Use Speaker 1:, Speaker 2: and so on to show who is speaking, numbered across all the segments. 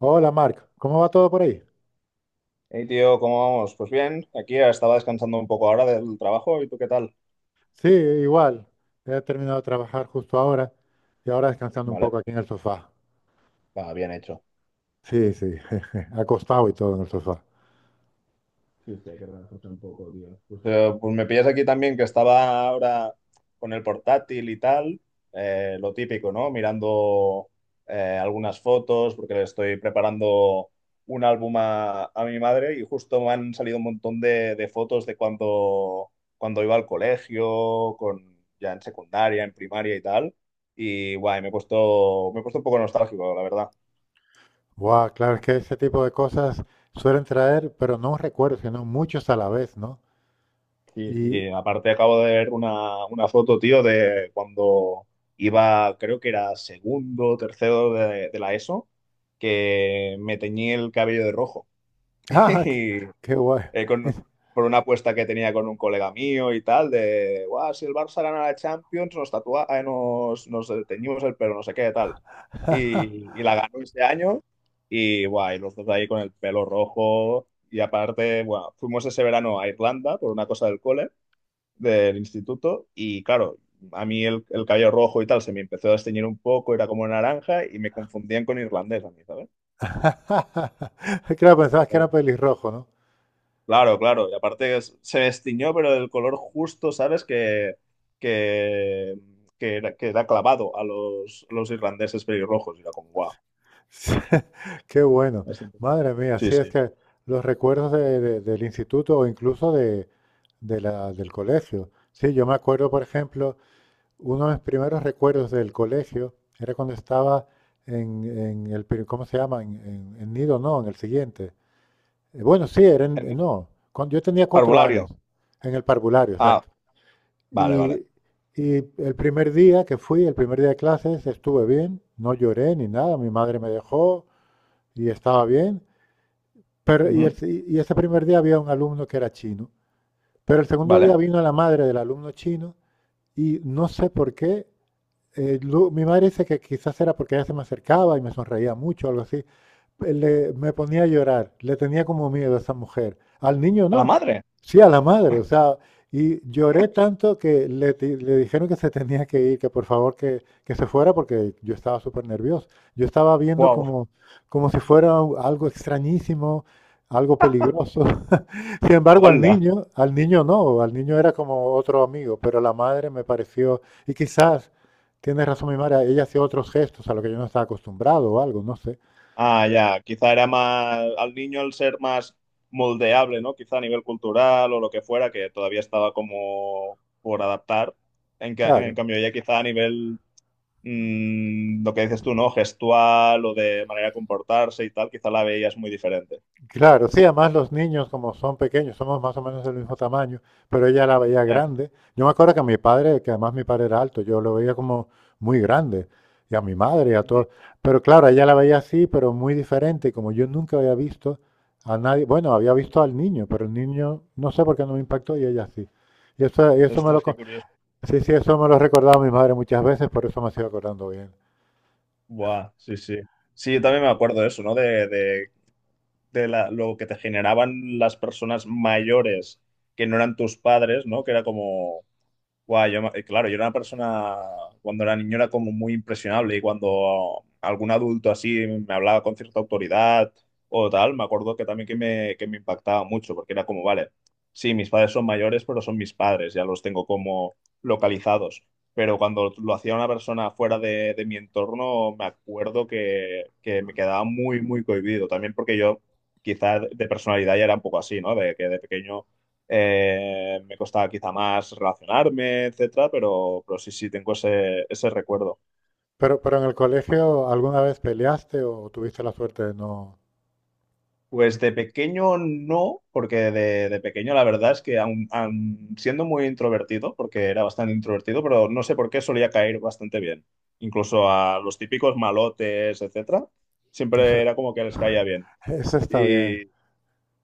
Speaker 1: Hola Marc, ¿cómo va todo por ahí?
Speaker 2: Hey tío, ¿cómo vamos? Pues bien, aquí estaba descansando un poco ahora del trabajo. ¿Y tú qué tal?
Speaker 1: Sí, igual. He terminado de trabajar justo ahora y ahora descansando un
Speaker 2: Vale,
Speaker 1: poco aquí en el sofá.
Speaker 2: va bien hecho.
Speaker 1: Sí, sí, acostado y todo en el sofá.
Speaker 2: Sí, sí, hay que relajarse un poco, tío. Pues sí, pues me pillas aquí también que estaba ahora con el portátil y tal. Lo típico, ¿no? Mirando algunas fotos porque le estoy preparando un álbum a mi madre, y justo me han salido un montón de fotos de cuando iba al colegio, con, ya en secundaria, en primaria y tal. Y guay, me he puesto un poco nostálgico, la verdad.
Speaker 1: Wow, claro, es que ese tipo de cosas suelen traer, pero no recuerdo, sino muchos a la vez, ¿no?
Speaker 2: Sí,
Speaker 1: Y,
Speaker 2: sí, aparte acabo de ver una foto, tío, de cuando iba, creo que era segundo, tercero de la ESO, que me teñí el cabello de rojo.
Speaker 1: ah, qué, qué guay.
Speaker 2: Y por una apuesta que tenía con un colega mío y tal, de, guau, si el Barça gana la Champions, nos tatua, nos teñimos el pelo, no sé qué, tal. Y la ganó este año y, guau, y los dos ahí con el pelo rojo. Y aparte, bueno, fuimos ese verano a Irlanda por una cosa del cole del instituto y claro, a mí el cabello rojo y tal se me empezó a desteñir un poco, era como naranja y me confundían con irlandés a mí, ¿sabes?
Speaker 1: Claro, pensabas que
Speaker 2: Claro,
Speaker 1: era pelirrojo, ¿no?
Speaker 2: claro, claro, y aparte se destiñó, pero del color justo, ¿sabes? Que, que era clavado a los irlandeses pelirrojos y era como guau.
Speaker 1: Qué bueno.
Speaker 2: Bastante.
Speaker 1: Madre mía,
Speaker 2: Sí,
Speaker 1: sí es
Speaker 2: sí.
Speaker 1: que los recuerdos del instituto o incluso del colegio. Sí, yo me acuerdo, por ejemplo, uno de mis primeros recuerdos del colegio era cuando estaba ¿cómo se llama? En Nido, no, en el siguiente. Bueno, sí, era
Speaker 2: En-
Speaker 1: no, cuando yo tenía cuatro
Speaker 2: Parvulario.
Speaker 1: años, en el parvulario,
Speaker 2: Ah,
Speaker 1: exacto.
Speaker 2: vale,
Speaker 1: Y,
Speaker 2: vale.
Speaker 1: y el primer día que fui, el primer día de clases, estuve bien, no lloré ni nada, mi madre me dejó y estaba bien. Pero, y,
Speaker 2: Ujú.
Speaker 1: el- y ese primer día había un alumno que era chino. Pero el segundo día
Speaker 2: Vale.
Speaker 1: vino la madre del alumno chino y no sé por qué, mi madre dice que quizás era porque ella se me acercaba y me sonreía mucho, algo así. Me ponía a llorar, le tenía como miedo a esa mujer. Al niño
Speaker 2: A la
Speaker 1: no,
Speaker 2: madre.
Speaker 1: sí a la madre, o sea, y lloré tanto que le dijeron que se tenía que ir, que por favor que se fuera porque yo estaba súper nervioso. Yo estaba viendo
Speaker 2: Wow.
Speaker 1: como si fuera algo extrañísimo, algo peligroso. Sin embargo,
Speaker 2: Hola.
Speaker 1: al niño no, al niño era como otro amigo, pero la madre me pareció, y quizás. Tienes razón, mi Mara, ella hacía otros gestos a lo que yo no estaba acostumbrado o algo, no sé.
Speaker 2: Ah, ya, quizá era más al niño, al ser más moldeable, ¿no? Quizá a nivel cultural o lo que fuera, que todavía estaba como por adaptar. En, en
Speaker 1: Claro,
Speaker 2: cambio, ya quizá a nivel, lo que dices tú, ¿no? Gestual o de manera de comportarse y tal, quizá la veías muy diferente.
Speaker 1: claro, sí, además los niños como son pequeños, somos más o menos del mismo tamaño, pero ella la veía
Speaker 2: Ya.
Speaker 1: grande. Yo me acuerdo que a mi padre, que además mi padre era alto, yo lo veía como muy grande, y a mi madre y a
Speaker 2: Ujú.
Speaker 1: todos. Pero claro, ella la veía así, pero muy diferente, y como yo nunca había visto a nadie, bueno, había visto al niño, pero el niño no sé por qué no me impactó y ella sí. Y eso me lo,
Speaker 2: Ostras, qué
Speaker 1: co-
Speaker 2: curioso.
Speaker 1: Sí, sí, eso me lo recordaba mi madre muchas veces, por eso me sigo acordando bien.
Speaker 2: Buah, sí, sí. Sí, yo también me acuerdo de eso, ¿no? De lo que te generaban las personas mayores que no eran tus padres, ¿no? Que era como... Guau, claro, yo era una persona, cuando era niño, era como muy impresionable, y cuando algún adulto así me hablaba con cierta autoridad o tal, me acuerdo que también que me impactaba mucho porque era como, vale, sí, mis padres son mayores, pero son mis padres, ya los tengo como localizados. Pero cuando lo hacía una persona fuera de mi entorno, me acuerdo que me quedaba muy cohibido. También porque yo quizás de personalidad ya era un poco así, ¿no? De que de pequeño me costaba quizá más relacionarme, etcétera, pero sí, sí, tengo ese recuerdo.
Speaker 1: Pero en el colegio, ¿alguna vez peleaste o tuviste la suerte de no?
Speaker 2: Pues de pequeño no, porque de pequeño la verdad es que aun siendo muy introvertido, porque era bastante introvertido, pero no sé por qué solía caer bastante bien. Incluso a los típicos malotes, etcétera,
Speaker 1: Eso,
Speaker 2: siempre era como que les caía bien.
Speaker 1: eso está bien.
Speaker 2: Y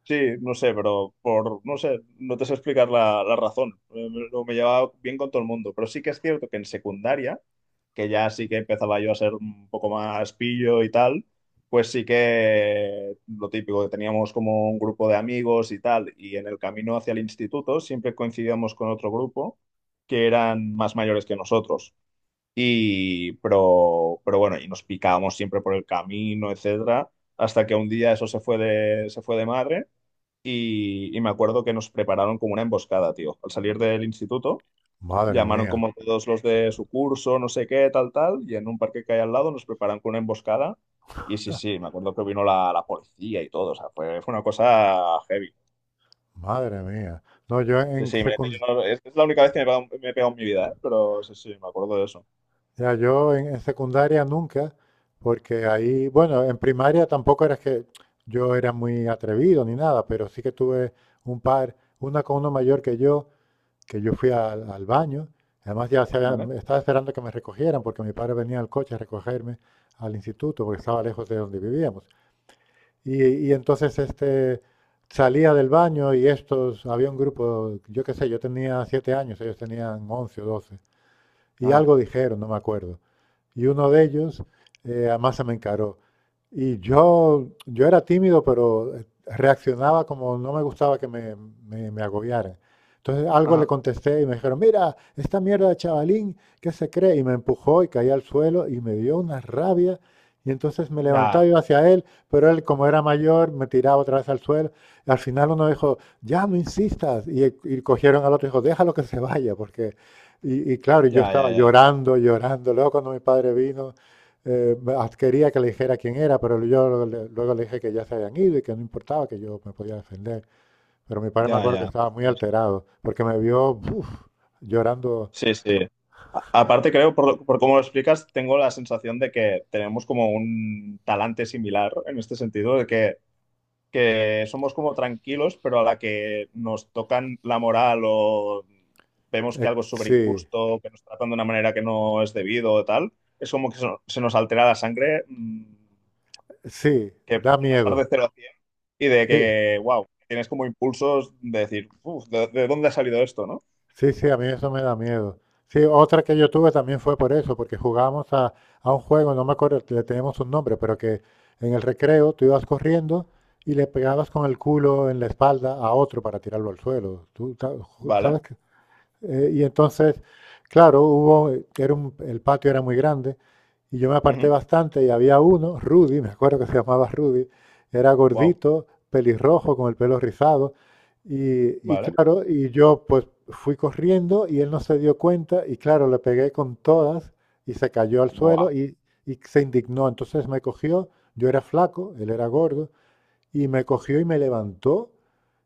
Speaker 2: sí, no sé, pero por, no sé, no te sé explicar la razón. Lo me llevaba bien con todo el mundo, pero sí que es cierto que en secundaria, que ya sí que empezaba yo a ser un poco más pillo y tal, pues sí que lo típico, que teníamos como un grupo de amigos y tal, y en el camino hacia el instituto siempre coincidíamos con otro grupo que eran más mayores que nosotros. Pero bueno, y nos picábamos siempre por el camino, etcétera, hasta que un día eso se fue se fue de madre. Y me acuerdo que nos prepararon como una emboscada, tío. Al salir del instituto,
Speaker 1: Madre
Speaker 2: llamaron
Speaker 1: mía,
Speaker 2: como todos los de su curso, no sé qué, tal, tal, y en un parque que hay al lado nos preparan con una emboscada. Y sí, sí, me acuerdo que vino la policía y todo, o sea, fue una cosa heavy.
Speaker 1: madre mía. No, yo
Speaker 2: Sí,
Speaker 1: en
Speaker 2: sí, mira que yo
Speaker 1: secundaria,
Speaker 2: no- es la única vez que me he pegado en mi vida, ¿eh? Pero sí, sí, me acuerdo de eso.
Speaker 1: ya yo en secundaria nunca, porque ahí, bueno, en primaria tampoco era que yo era muy atrevido ni nada, pero sí que tuve una con uno mayor que yo fui al baño. Además
Speaker 2: ¿Vale?
Speaker 1: estaba esperando que me recogieran porque mi padre venía al coche a recogerme al instituto porque estaba lejos de donde vivíamos. Y entonces este salía del baño había un grupo, yo qué sé, yo tenía 7 años, ellos tenían 11 o 12 y
Speaker 2: Ajá,
Speaker 1: algo dijeron, no me acuerdo, y uno de ellos, además se me encaró. Y yo era tímido, pero reaccionaba como no me gustaba que me agobiaran. Entonces algo le
Speaker 2: ajá.
Speaker 1: contesté y me dijeron, mira, esta mierda de chavalín, ¿qué se cree? Y me empujó y caí al suelo y me dio una rabia. Y entonces me levantaba y
Speaker 2: Ya,
Speaker 1: iba hacia él, pero él como era mayor me tiraba otra vez al suelo. Al final uno dijo, ya no insistas. Y cogieron al otro y dijo, déjalo que se vaya, porque, y claro, yo
Speaker 2: ya,
Speaker 1: estaba
Speaker 2: ya, ya,
Speaker 1: llorando, llorando. Luego cuando mi padre vino, eh, quería que le dijera quién era, pero yo luego le dije que ya se habían ido y que no importaba, que yo me podía defender. Pero mi padre me
Speaker 2: ya,
Speaker 1: acuerdo que
Speaker 2: ya.
Speaker 1: estaba muy
Speaker 2: Ostras.
Speaker 1: alterado, porque me vio, uf, llorando.
Speaker 2: Sí, sí. A- aparte, creo, por, por cómo lo explicas, tengo la sensación de que tenemos como un talante similar en este sentido, de que somos como tranquilos, pero a la que nos tocan la moral, o vemos que
Speaker 1: Eh,
Speaker 2: algo es súper
Speaker 1: sí,
Speaker 2: injusto, que nos tratan de una manera que no es debido o tal, es como que se nos altera la sangre, mm,
Speaker 1: sí,
Speaker 2: que
Speaker 1: da
Speaker 2: de pasar
Speaker 1: miedo.
Speaker 2: de 0 a 100, y de
Speaker 1: Sí,
Speaker 2: que, wow, tienes como impulsos de decir, "Uf, de dónde ha salido esto, no?
Speaker 1: sí, sí, a mí eso me da miedo. Sí, otra que yo tuve también fue por eso, porque jugábamos a un juego, no me acuerdo, le teníamos un nombre, pero que en el recreo tú ibas corriendo y le pegabas con el culo en la espalda a otro para tirarlo al suelo. ¿Tú sabes?
Speaker 2: Vale,
Speaker 1: Y entonces, claro, hubo, el patio era muy grande y yo me aparté
Speaker 2: ujú,
Speaker 1: bastante y había uno, Rudy, me acuerdo que se llamaba Rudy, era
Speaker 2: wow,
Speaker 1: gordito, pelirrojo, con el pelo rizado. Y
Speaker 2: vale,
Speaker 1: claro, y yo pues fui corriendo y él no se dio cuenta y claro, le pegué con todas y se cayó al
Speaker 2: wow,
Speaker 1: suelo y se indignó. Entonces me cogió, yo era flaco, él era gordo, y me cogió y me levantó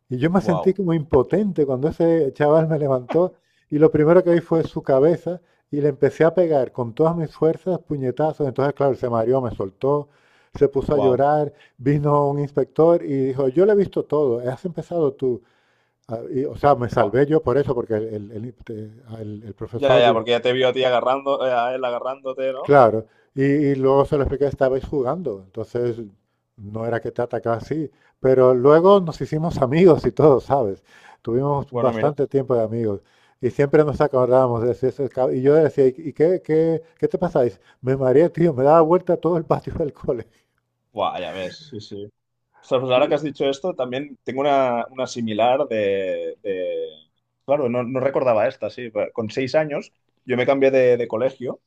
Speaker 1: y yo me sentí
Speaker 2: wow,
Speaker 1: como impotente cuando ese chaval me levantó y lo primero que vi fue su cabeza y le empecé a pegar con todas mis fuerzas, puñetazos. Entonces, claro, se mareó, me soltó, se puso a
Speaker 2: wow,
Speaker 1: llorar, vino un inspector y dijo, yo le he visto todo, has empezado tú. Ah, y, o sea, me
Speaker 2: wow.
Speaker 1: salvé yo por eso, porque el
Speaker 2: Ya,
Speaker 1: profesor.
Speaker 2: ya, porque ya te vio a ti agarrando, a él agarrándote, ¿no?
Speaker 1: Claro, y luego se lo expliqué, estabais jugando, entonces no era que te atacaba así, pero luego nos hicimos amigos y todo, ¿sabes? Tuvimos
Speaker 2: Bueno, mira.
Speaker 1: bastante tiempo de amigos y siempre nos acordábamos de ese, y yo le decía, ¿y qué te pasáis? Me mareé, tío, me daba vuelta todo el patio del cole.
Speaker 2: Buah, ya ves, sí, sí. O sea, pues ahora que
Speaker 1: Y,
Speaker 2: has dicho esto, también tengo una similar claro, no, no recordaba esta, sí. Con 6 años yo me cambié de colegio,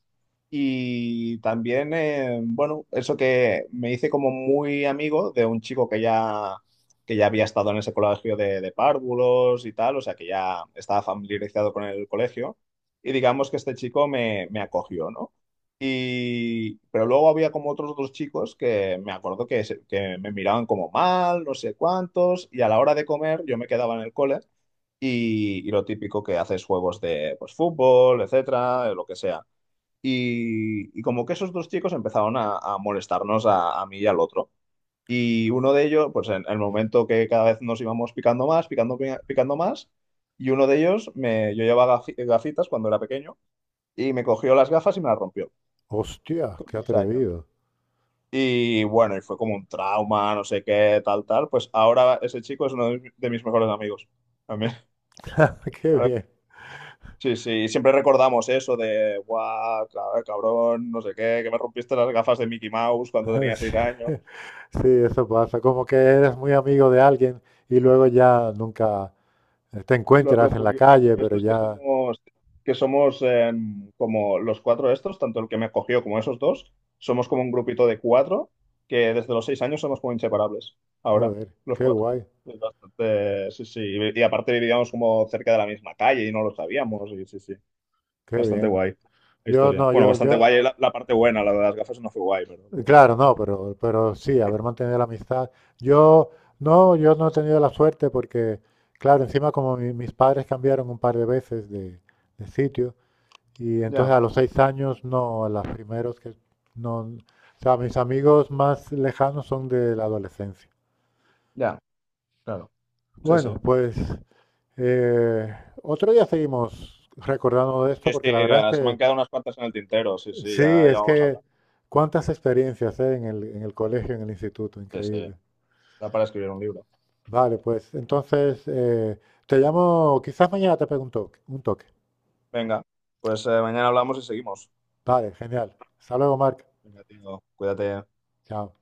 Speaker 2: y también, bueno, eso, que me hice como muy amigo de un chico que ya había estado en ese colegio de párvulos y tal, o sea, que ya estaba familiarizado con el colegio. Y digamos que este me acogió, ¿no? Y, pero luego había como otros dos chicos que me acuerdo que me miraban como mal, no sé cuántos, y a la hora de comer yo me quedaba en el cole, y lo típico que haces, juegos de pues, fútbol, etcétera, lo que sea. Y como que esos dos chicos empezaron a molestarnos a mí y al otro. Y uno de ellos, pues en el momento que cada vez nos íbamos picando más, picando más, y uno de ellos, me, yo llevaba gafitas cuando era pequeño, y me cogió las gafas y me las rompió,
Speaker 1: Hostia,
Speaker 2: con
Speaker 1: qué
Speaker 2: 6 años.
Speaker 1: atrevido.
Speaker 2: Y bueno, y fue como un trauma, no sé qué, tal, tal. Pues ahora ese chico es uno de mis mejores amigos. También.
Speaker 1: Qué bien.
Speaker 2: Sí, sí, y siempre recordamos eso de, guau, ca- cabrón, no sé qué, que me rompiste las gafas de Mickey Mouse cuando tenía
Speaker 1: Sí,
Speaker 2: 6 años.
Speaker 1: sí, eso pasa, como que eres muy amigo de alguien y luego ya nunca, te encuentras en la
Speaker 2: Lo
Speaker 1: calle,
Speaker 2: curioso
Speaker 1: pero
Speaker 2: es que
Speaker 1: ya.
Speaker 2: que somos em, como los cuatro estos, tanto el que me cogió como esos dos, somos como un grupito de 4 que desde los 6 años somos como inseparables. Ahora,
Speaker 1: Joder,
Speaker 2: los
Speaker 1: qué
Speaker 2: 4.
Speaker 1: guay,
Speaker 2: Es bastante, sí, sí, y aparte vivíamos como cerca de la misma calle y no lo sabíamos, y sí, sí,
Speaker 1: qué
Speaker 2: bastante
Speaker 1: bien.
Speaker 2: guay la
Speaker 1: Yo
Speaker 2: historia.
Speaker 1: no,
Speaker 2: Bueno, bastante guay la parte buena, la de las gafas no fue guay, pero...
Speaker 1: claro, no, pero sí, haber mantenido la amistad. Yo, no, yo no he tenido la suerte porque, claro, encima como mis padres cambiaron un par de veces de, sitio. Y entonces
Speaker 2: Ya,
Speaker 1: a los 6 años, no, a los primeros que, no, o sea, mis amigos más lejanos son de la adolescencia.
Speaker 2: ya, claro. Sí,
Speaker 1: Bueno,
Speaker 2: sí.
Speaker 1: pues eh, otro día seguimos recordando de esto
Speaker 2: Sí, sí,
Speaker 1: porque la verdad es
Speaker 2: se me han
Speaker 1: que.
Speaker 2: quedado unas cuantas en el tintero, sí, sí,
Speaker 1: Sí,
Speaker 2: ya, ya
Speaker 1: es
Speaker 2: vamos a
Speaker 1: que
Speaker 2: hablar.
Speaker 1: cuántas experiencias, en el colegio, en el instituto,
Speaker 2: Sí, sí.
Speaker 1: increíble.
Speaker 2: Da para escribir un libro.
Speaker 1: Vale, pues entonces, te llamo, quizás mañana te pregunto un toque.
Speaker 2: Venga, pues mañana hablamos y seguimos.
Speaker 1: Vale, genial. Hasta luego, Marc.
Speaker 2: Venga, tío, cuídate.
Speaker 1: Chao.